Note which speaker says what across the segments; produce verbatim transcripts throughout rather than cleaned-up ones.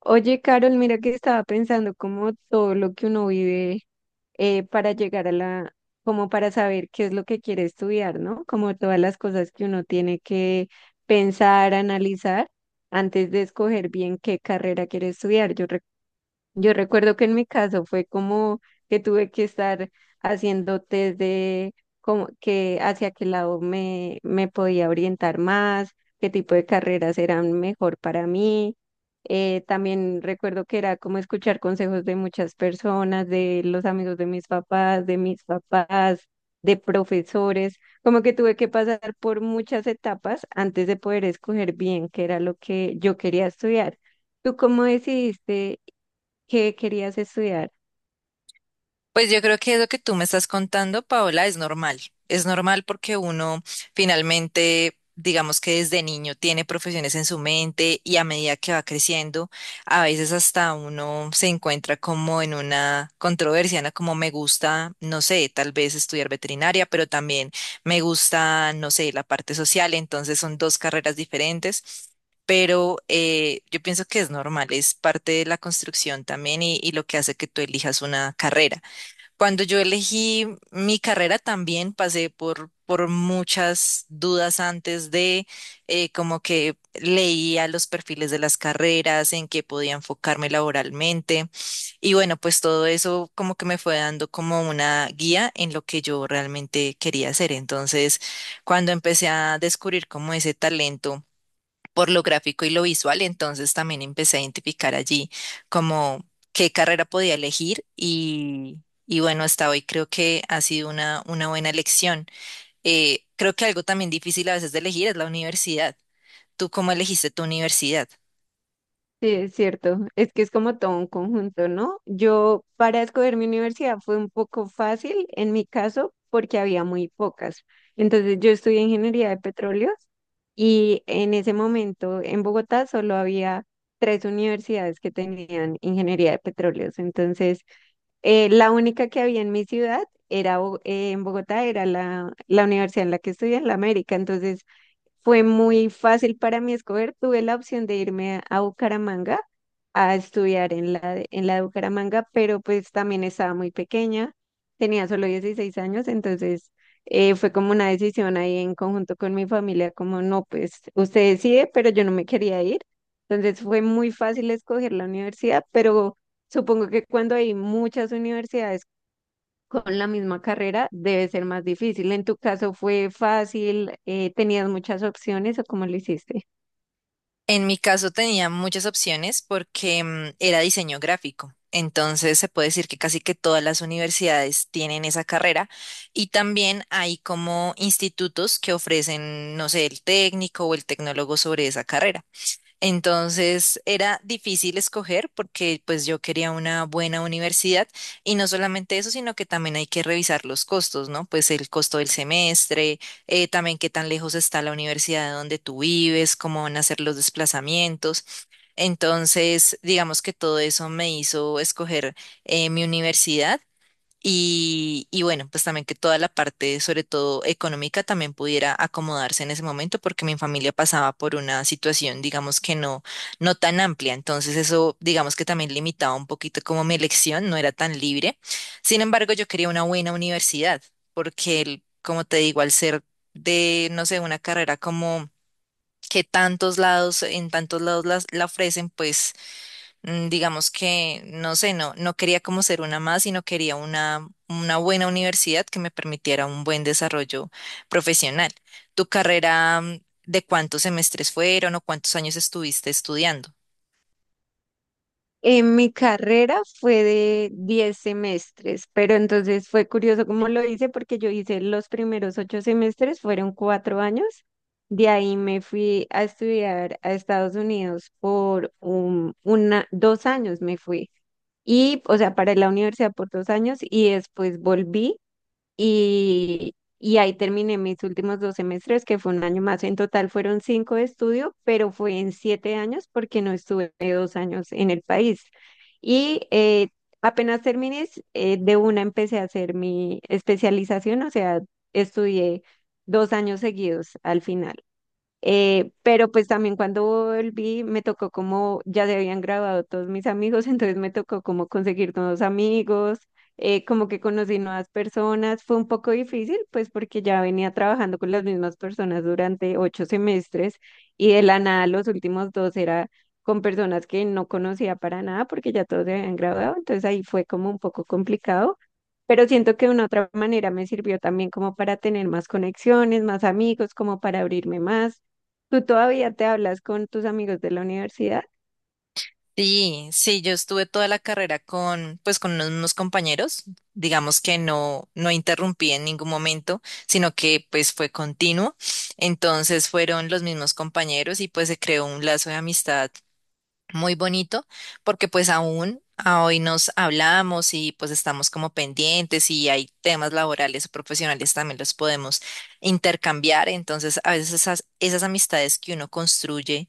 Speaker 1: Oye, Carol, mira que estaba pensando como todo lo que uno vive eh, para llegar a la, como para saber qué es lo que quiere estudiar, ¿no? Como todas las cosas que uno tiene que pensar, analizar antes de escoger bien qué carrera quiere estudiar. Yo yo recuerdo que en mi caso fue como que tuve que estar haciendo test de como que hacia qué lado me, me podía orientar más, qué tipo de carreras eran mejor para mí. Eh, también recuerdo que era como escuchar consejos de muchas personas, de los amigos de mis papás, de mis papás, de profesores, como que tuve que pasar por muchas etapas antes de poder escoger bien qué era lo que yo quería estudiar. ¿Tú cómo decidiste? ¿Qué querías estudiar?
Speaker 2: Pues yo creo que lo que tú me estás contando, Paola, es normal. Es normal porque uno finalmente, digamos que desde niño tiene profesiones en su mente y a medida que va creciendo, a veces hasta uno se encuentra como en una controversia, ¿no? Como me gusta, no sé, tal vez estudiar veterinaria, pero también me gusta, no sé, la parte social. Entonces son dos carreras diferentes. Pero eh, yo pienso que es normal, es parte de la construcción también y y lo que hace que tú elijas una carrera. Cuando yo elegí mi carrera también pasé por, por muchas dudas antes de, eh, como que leía los perfiles de las carreras, en qué podía enfocarme laboralmente. Y bueno, pues todo eso como que me fue dando como una guía en lo que yo realmente quería hacer. Entonces, cuando empecé a descubrir como ese talento, por lo gráfico y lo visual, entonces también empecé a identificar allí como qué carrera podía elegir y, y bueno, hasta hoy creo que ha sido una, una buena elección. Eh, creo que algo también difícil a veces de elegir es la universidad. ¿Tú cómo elegiste tu universidad?
Speaker 1: Sí, es cierto. Es que es como todo un conjunto, ¿no? Yo para escoger mi universidad fue un poco fácil en mi caso porque había muy pocas. Entonces yo estudié ingeniería de petróleos y en ese momento en Bogotá solo había tres universidades que tenían ingeniería de petróleos. Entonces eh, la única que había en mi ciudad era Bo- eh, en Bogotá era la, la universidad en la que estudié en la América. Entonces fue muy fácil para mí escoger. Tuve la opción de irme a, a Bucaramanga a estudiar en la, de- en la de Bucaramanga, pero pues también estaba muy pequeña, tenía solo dieciséis años. Entonces eh, fue como una decisión ahí en conjunto con mi familia, como no, pues usted decide, pero yo no me quería ir. Entonces fue muy fácil escoger la universidad, pero supongo que cuando hay muchas universidades con la misma carrera debe ser más difícil. ¿En tu caso fue fácil? Eh, ¿tenías muchas opciones o cómo lo hiciste?
Speaker 2: En mi caso tenía muchas opciones porque mm, era diseño gráfico. Entonces se puede decir que casi que todas las universidades tienen esa carrera y también hay como institutos que ofrecen, no sé, el técnico o el tecnólogo sobre esa carrera. Entonces era difícil escoger porque pues yo quería una buena universidad y no solamente eso, sino que también hay que revisar los costos, ¿no? Pues el costo del semestre, eh, también qué tan lejos está la universidad de donde tú vives, cómo van a ser los desplazamientos. Entonces, digamos que todo eso me hizo escoger eh, mi universidad y, y bueno, pues también que toda la parte, sobre todo económica, también pudiera acomodarse en ese momento, porque mi familia pasaba por una situación, digamos que no, no tan amplia. Entonces eso, digamos que también limitaba un poquito como mi elección, no era tan libre. Sin embargo, yo quería una buena universidad, porque el- como te digo, al ser de, no sé, una carrera como que tantos lados, en tantos lados las- la ofrecen, pues mm, digamos que, no sé, no, no quería como ser una más, sino quería una, una buena universidad que me permitiera un buen desarrollo profesional. ¿Tu carrera, mm, de cuántos semestres fueron o cuántos años estuviste estudiando?
Speaker 1: En mi carrera fue de diez semestres, pero entonces fue curioso cómo lo hice porque yo hice los primeros ocho semestres, fueron cuatro años. De ahí me fui a estudiar a Estados Unidos por un, una, dos años me fui. Y, o sea, para la universidad por dos años y después volví y, y ahí terminé mis últimos dos semestres, que fue un año más. En total fueron cinco de estudio, pero fue en siete años porque no estuve dos años en el país. Y eh, Apenas terminé, s- eh, de una empecé a hacer mi especialización, o sea, estudié dos años seguidos al final. Eh, pero pues también cuando volví me tocó como ya se habían graduado todos mis amigos, entonces me tocó como conseguir nuevos amigos, eh, como que conocí nuevas personas. Fue un poco difícil pues porque ya venía trabajando con las mismas personas durante ocho semestres y de la nada los últimos dos era con personas que no conocía para nada porque ya todos se habían graduado, entonces ahí fue como un poco complicado. Pero siento que de una otra manera me sirvió también como para tener más conexiones, más amigos, como para abrirme más. ¿Tú todavía te hablas con tus amigos de la universidad?
Speaker 2: Sí, sí, yo estuve toda la carrera con, pues, con unos mismos compañeros, digamos que no, no interrumpí en ningún momento, sino que, pues, fue continuo. Entonces fueron los mismos compañeros y, pues, se creó un lazo de amistad muy bonito, porque pues aún a hoy nos hablamos y pues estamos como pendientes y hay temas laborales o profesionales también los podemos intercambiar. Entonces, a veces esas, esas amistades que uno construye,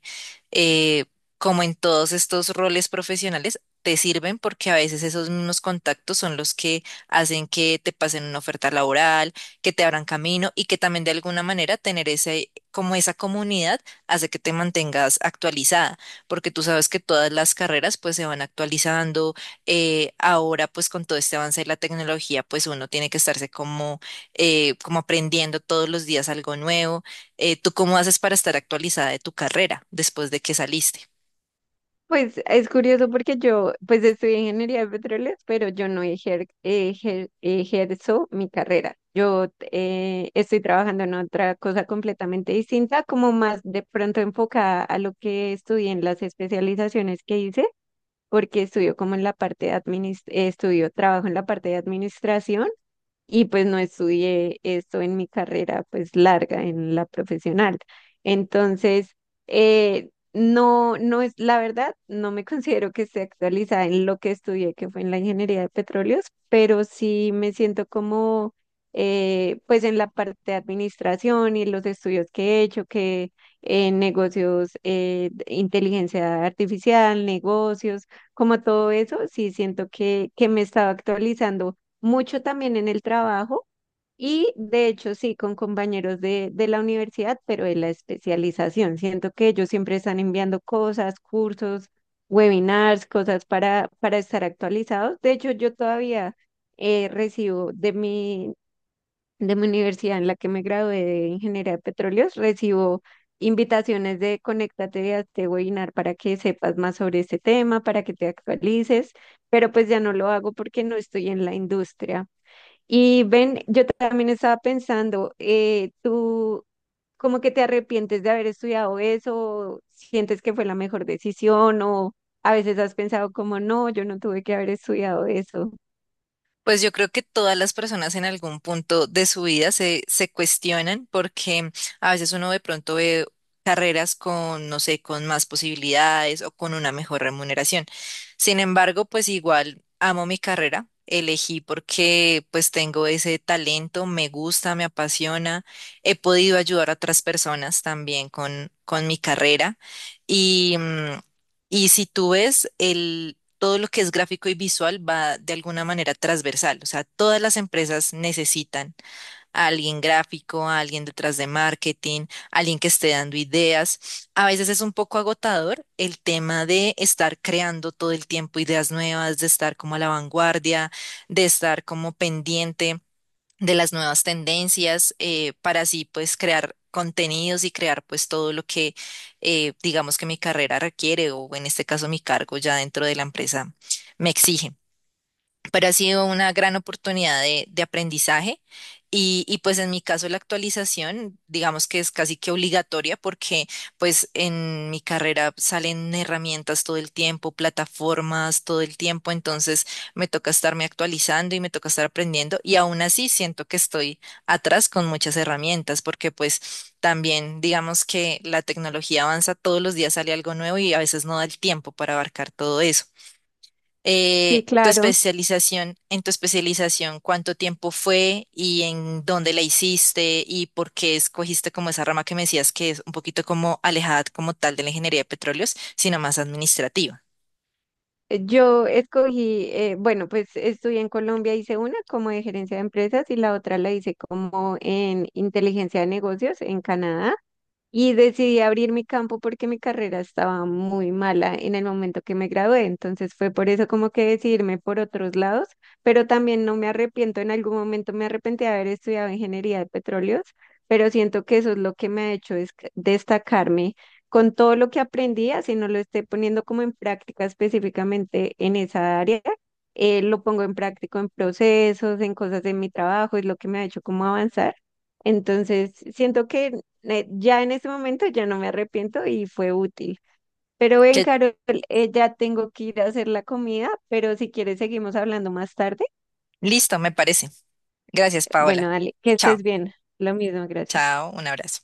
Speaker 2: eh, como en todos estos roles profesionales, te sirven porque a veces esos mismos contactos son los que hacen que te pasen una oferta laboral, que te abran camino y que también de alguna manera tener ese, como esa comunidad hace que te mantengas actualizada porque tú sabes que todas las carreras pues se van actualizando. Eh, ahora pues con todo este avance de la tecnología pues uno tiene que estarse como, eh, como aprendiendo todos los días algo nuevo. Eh, ¿tú cómo haces para estar actualizada de tu carrera después de que saliste?
Speaker 1: Pues es curioso porque yo, pues estudié ingeniería de petróleos, pero yo no ejer- ejer- ejerzo mi carrera. Yo eh, estoy trabajando en otra cosa completamente distinta, como más de pronto enfocada a lo que estudié en las especializaciones que hice. Porque estudió como en la parte de adminis- eh, estudió trabajo en la parte de administración y pues no estudié esto en mi carrera pues larga, en la profesional. Entonces, eh, no, no es, la verdad, no me considero que esté actualizada en lo que estudié, que fue en la ingeniería de petróleos, pero sí me siento como eh, pues en la parte de administración y los estudios que he hecho, que en negocios, eh, de inteligencia artificial, negocios, como todo eso, sí siento que, que me estaba actualizando mucho también en el trabajo y de hecho sí con compañeros de, de la universidad, pero de la especialización. Siento que ellos siempre están enviando cosas, cursos, webinars, cosas para, para estar actualizados. De hecho, yo todavía eh, recibo de mi, de mi universidad en la que me gradué de ingeniería de petróleos, recibo invitaciones de conéctate a este webinar para que sepas más sobre este tema, para que te actualices, pero pues ya no lo hago porque no estoy en la industria. Y ven, yo también estaba pensando, eh, tú como que te arrepientes de haber estudiado eso, sientes que fue la mejor decisión o a veces has pensado como no, yo no tuve que haber estudiado eso.
Speaker 2: Pues yo creo que todas las personas en algún punto de su vida se, se cuestionan porque a veces uno de pronto ve carreras con, no sé, con más posibilidades o con una mejor remuneración. Sin embargo, pues igual amo mi carrera, elegí porque pues tengo ese talento, me gusta, me apasiona, he podido ayudar a otras personas también con, con mi carrera y... mm, y si tú ves el todo lo que es gráfico y visual va de alguna manera transversal. O sea, todas las empresas necesitan a alguien gráfico, a alguien detrás de marketing, a alguien que esté dando ideas. A veces es un poco agotador el tema de estar creando todo el tiempo ideas nuevas, de estar como a la vanguardia, de estar como pendiente de las nuevas tendencias, eh, para así pues crear contenidos y crear pues todo lo que eh, digamos que mi carrera requiere o en este caso mi cargo ya dentro de la empresa me exige, pero ha sido una gran oportunidad de, de aprendizaje. Y, y pues en mi caso la actualización, digamos que es casi que obligatoria porque pues en mi carrera salen herramientas todo el tiempo, plataformas todo el tiempo, entonces me toca estarme actualizando y me toca estar aprendiendo y aún así siento que estoy atrás con muchas herramientas porque pues también digamos que la tecnología avanza, todos los días sale algo nuevo y a veces no da el tiempo para abarcar todo eso.
Speaker 1: Sí,
Speaker 2: Eh, tu
Speaker 1: claro.
Speaker 2: especialización, en tu especialización, ¿cuánto tiempo fue y en dónde la hiciste y por qué escogiste como esa rama que me decías que es un poquito como alejada como tal de la ingeniería de petróleos, sino más administrativa?
Speaker 1: eh, Yo escogí, eh, bueno, pues estudié en Colombia, hice una como de gerencia de empresas y la otra la hice como en inteligencia de negocios en Canadá. Y decidí abrir mi campo porque mi carrera estaba muy mala en el momento que me gradué, entonces fue por eso como que decidirme por otros lados, pero también no me arrepiento, en algún momento me arrepentí de haber estudiado ingeniería de petróleos, pero siento que eso es lo que me ha hecho es destacarme con todo lo que aprendí, así no lo esté poniendo como en práctica específicamente en esa área. Eh, lo pongo en práctico en procesos, en cosas de mi trabajo, es lo que me ha hecho como avanzar. Entonces, siento que eh, ya en ese momento ya no me arrepiento y fue útil. Pero ven,
Speaker 2: Que
Speaker 1: Carol, eh, ya tengo que ir a hacer la comida, pero si quieres seguimos hablando más tarde.
Speaker 2: listo, me parece. Gracias,
Speaker 1: Bueno,
Speaker 2: Paola.
Speaker 1: dale, que
Speaker 2: Chao,
Speaker 1: estés bien. Lo mismo, gracias.
Speaker 2: chao, un abrazo.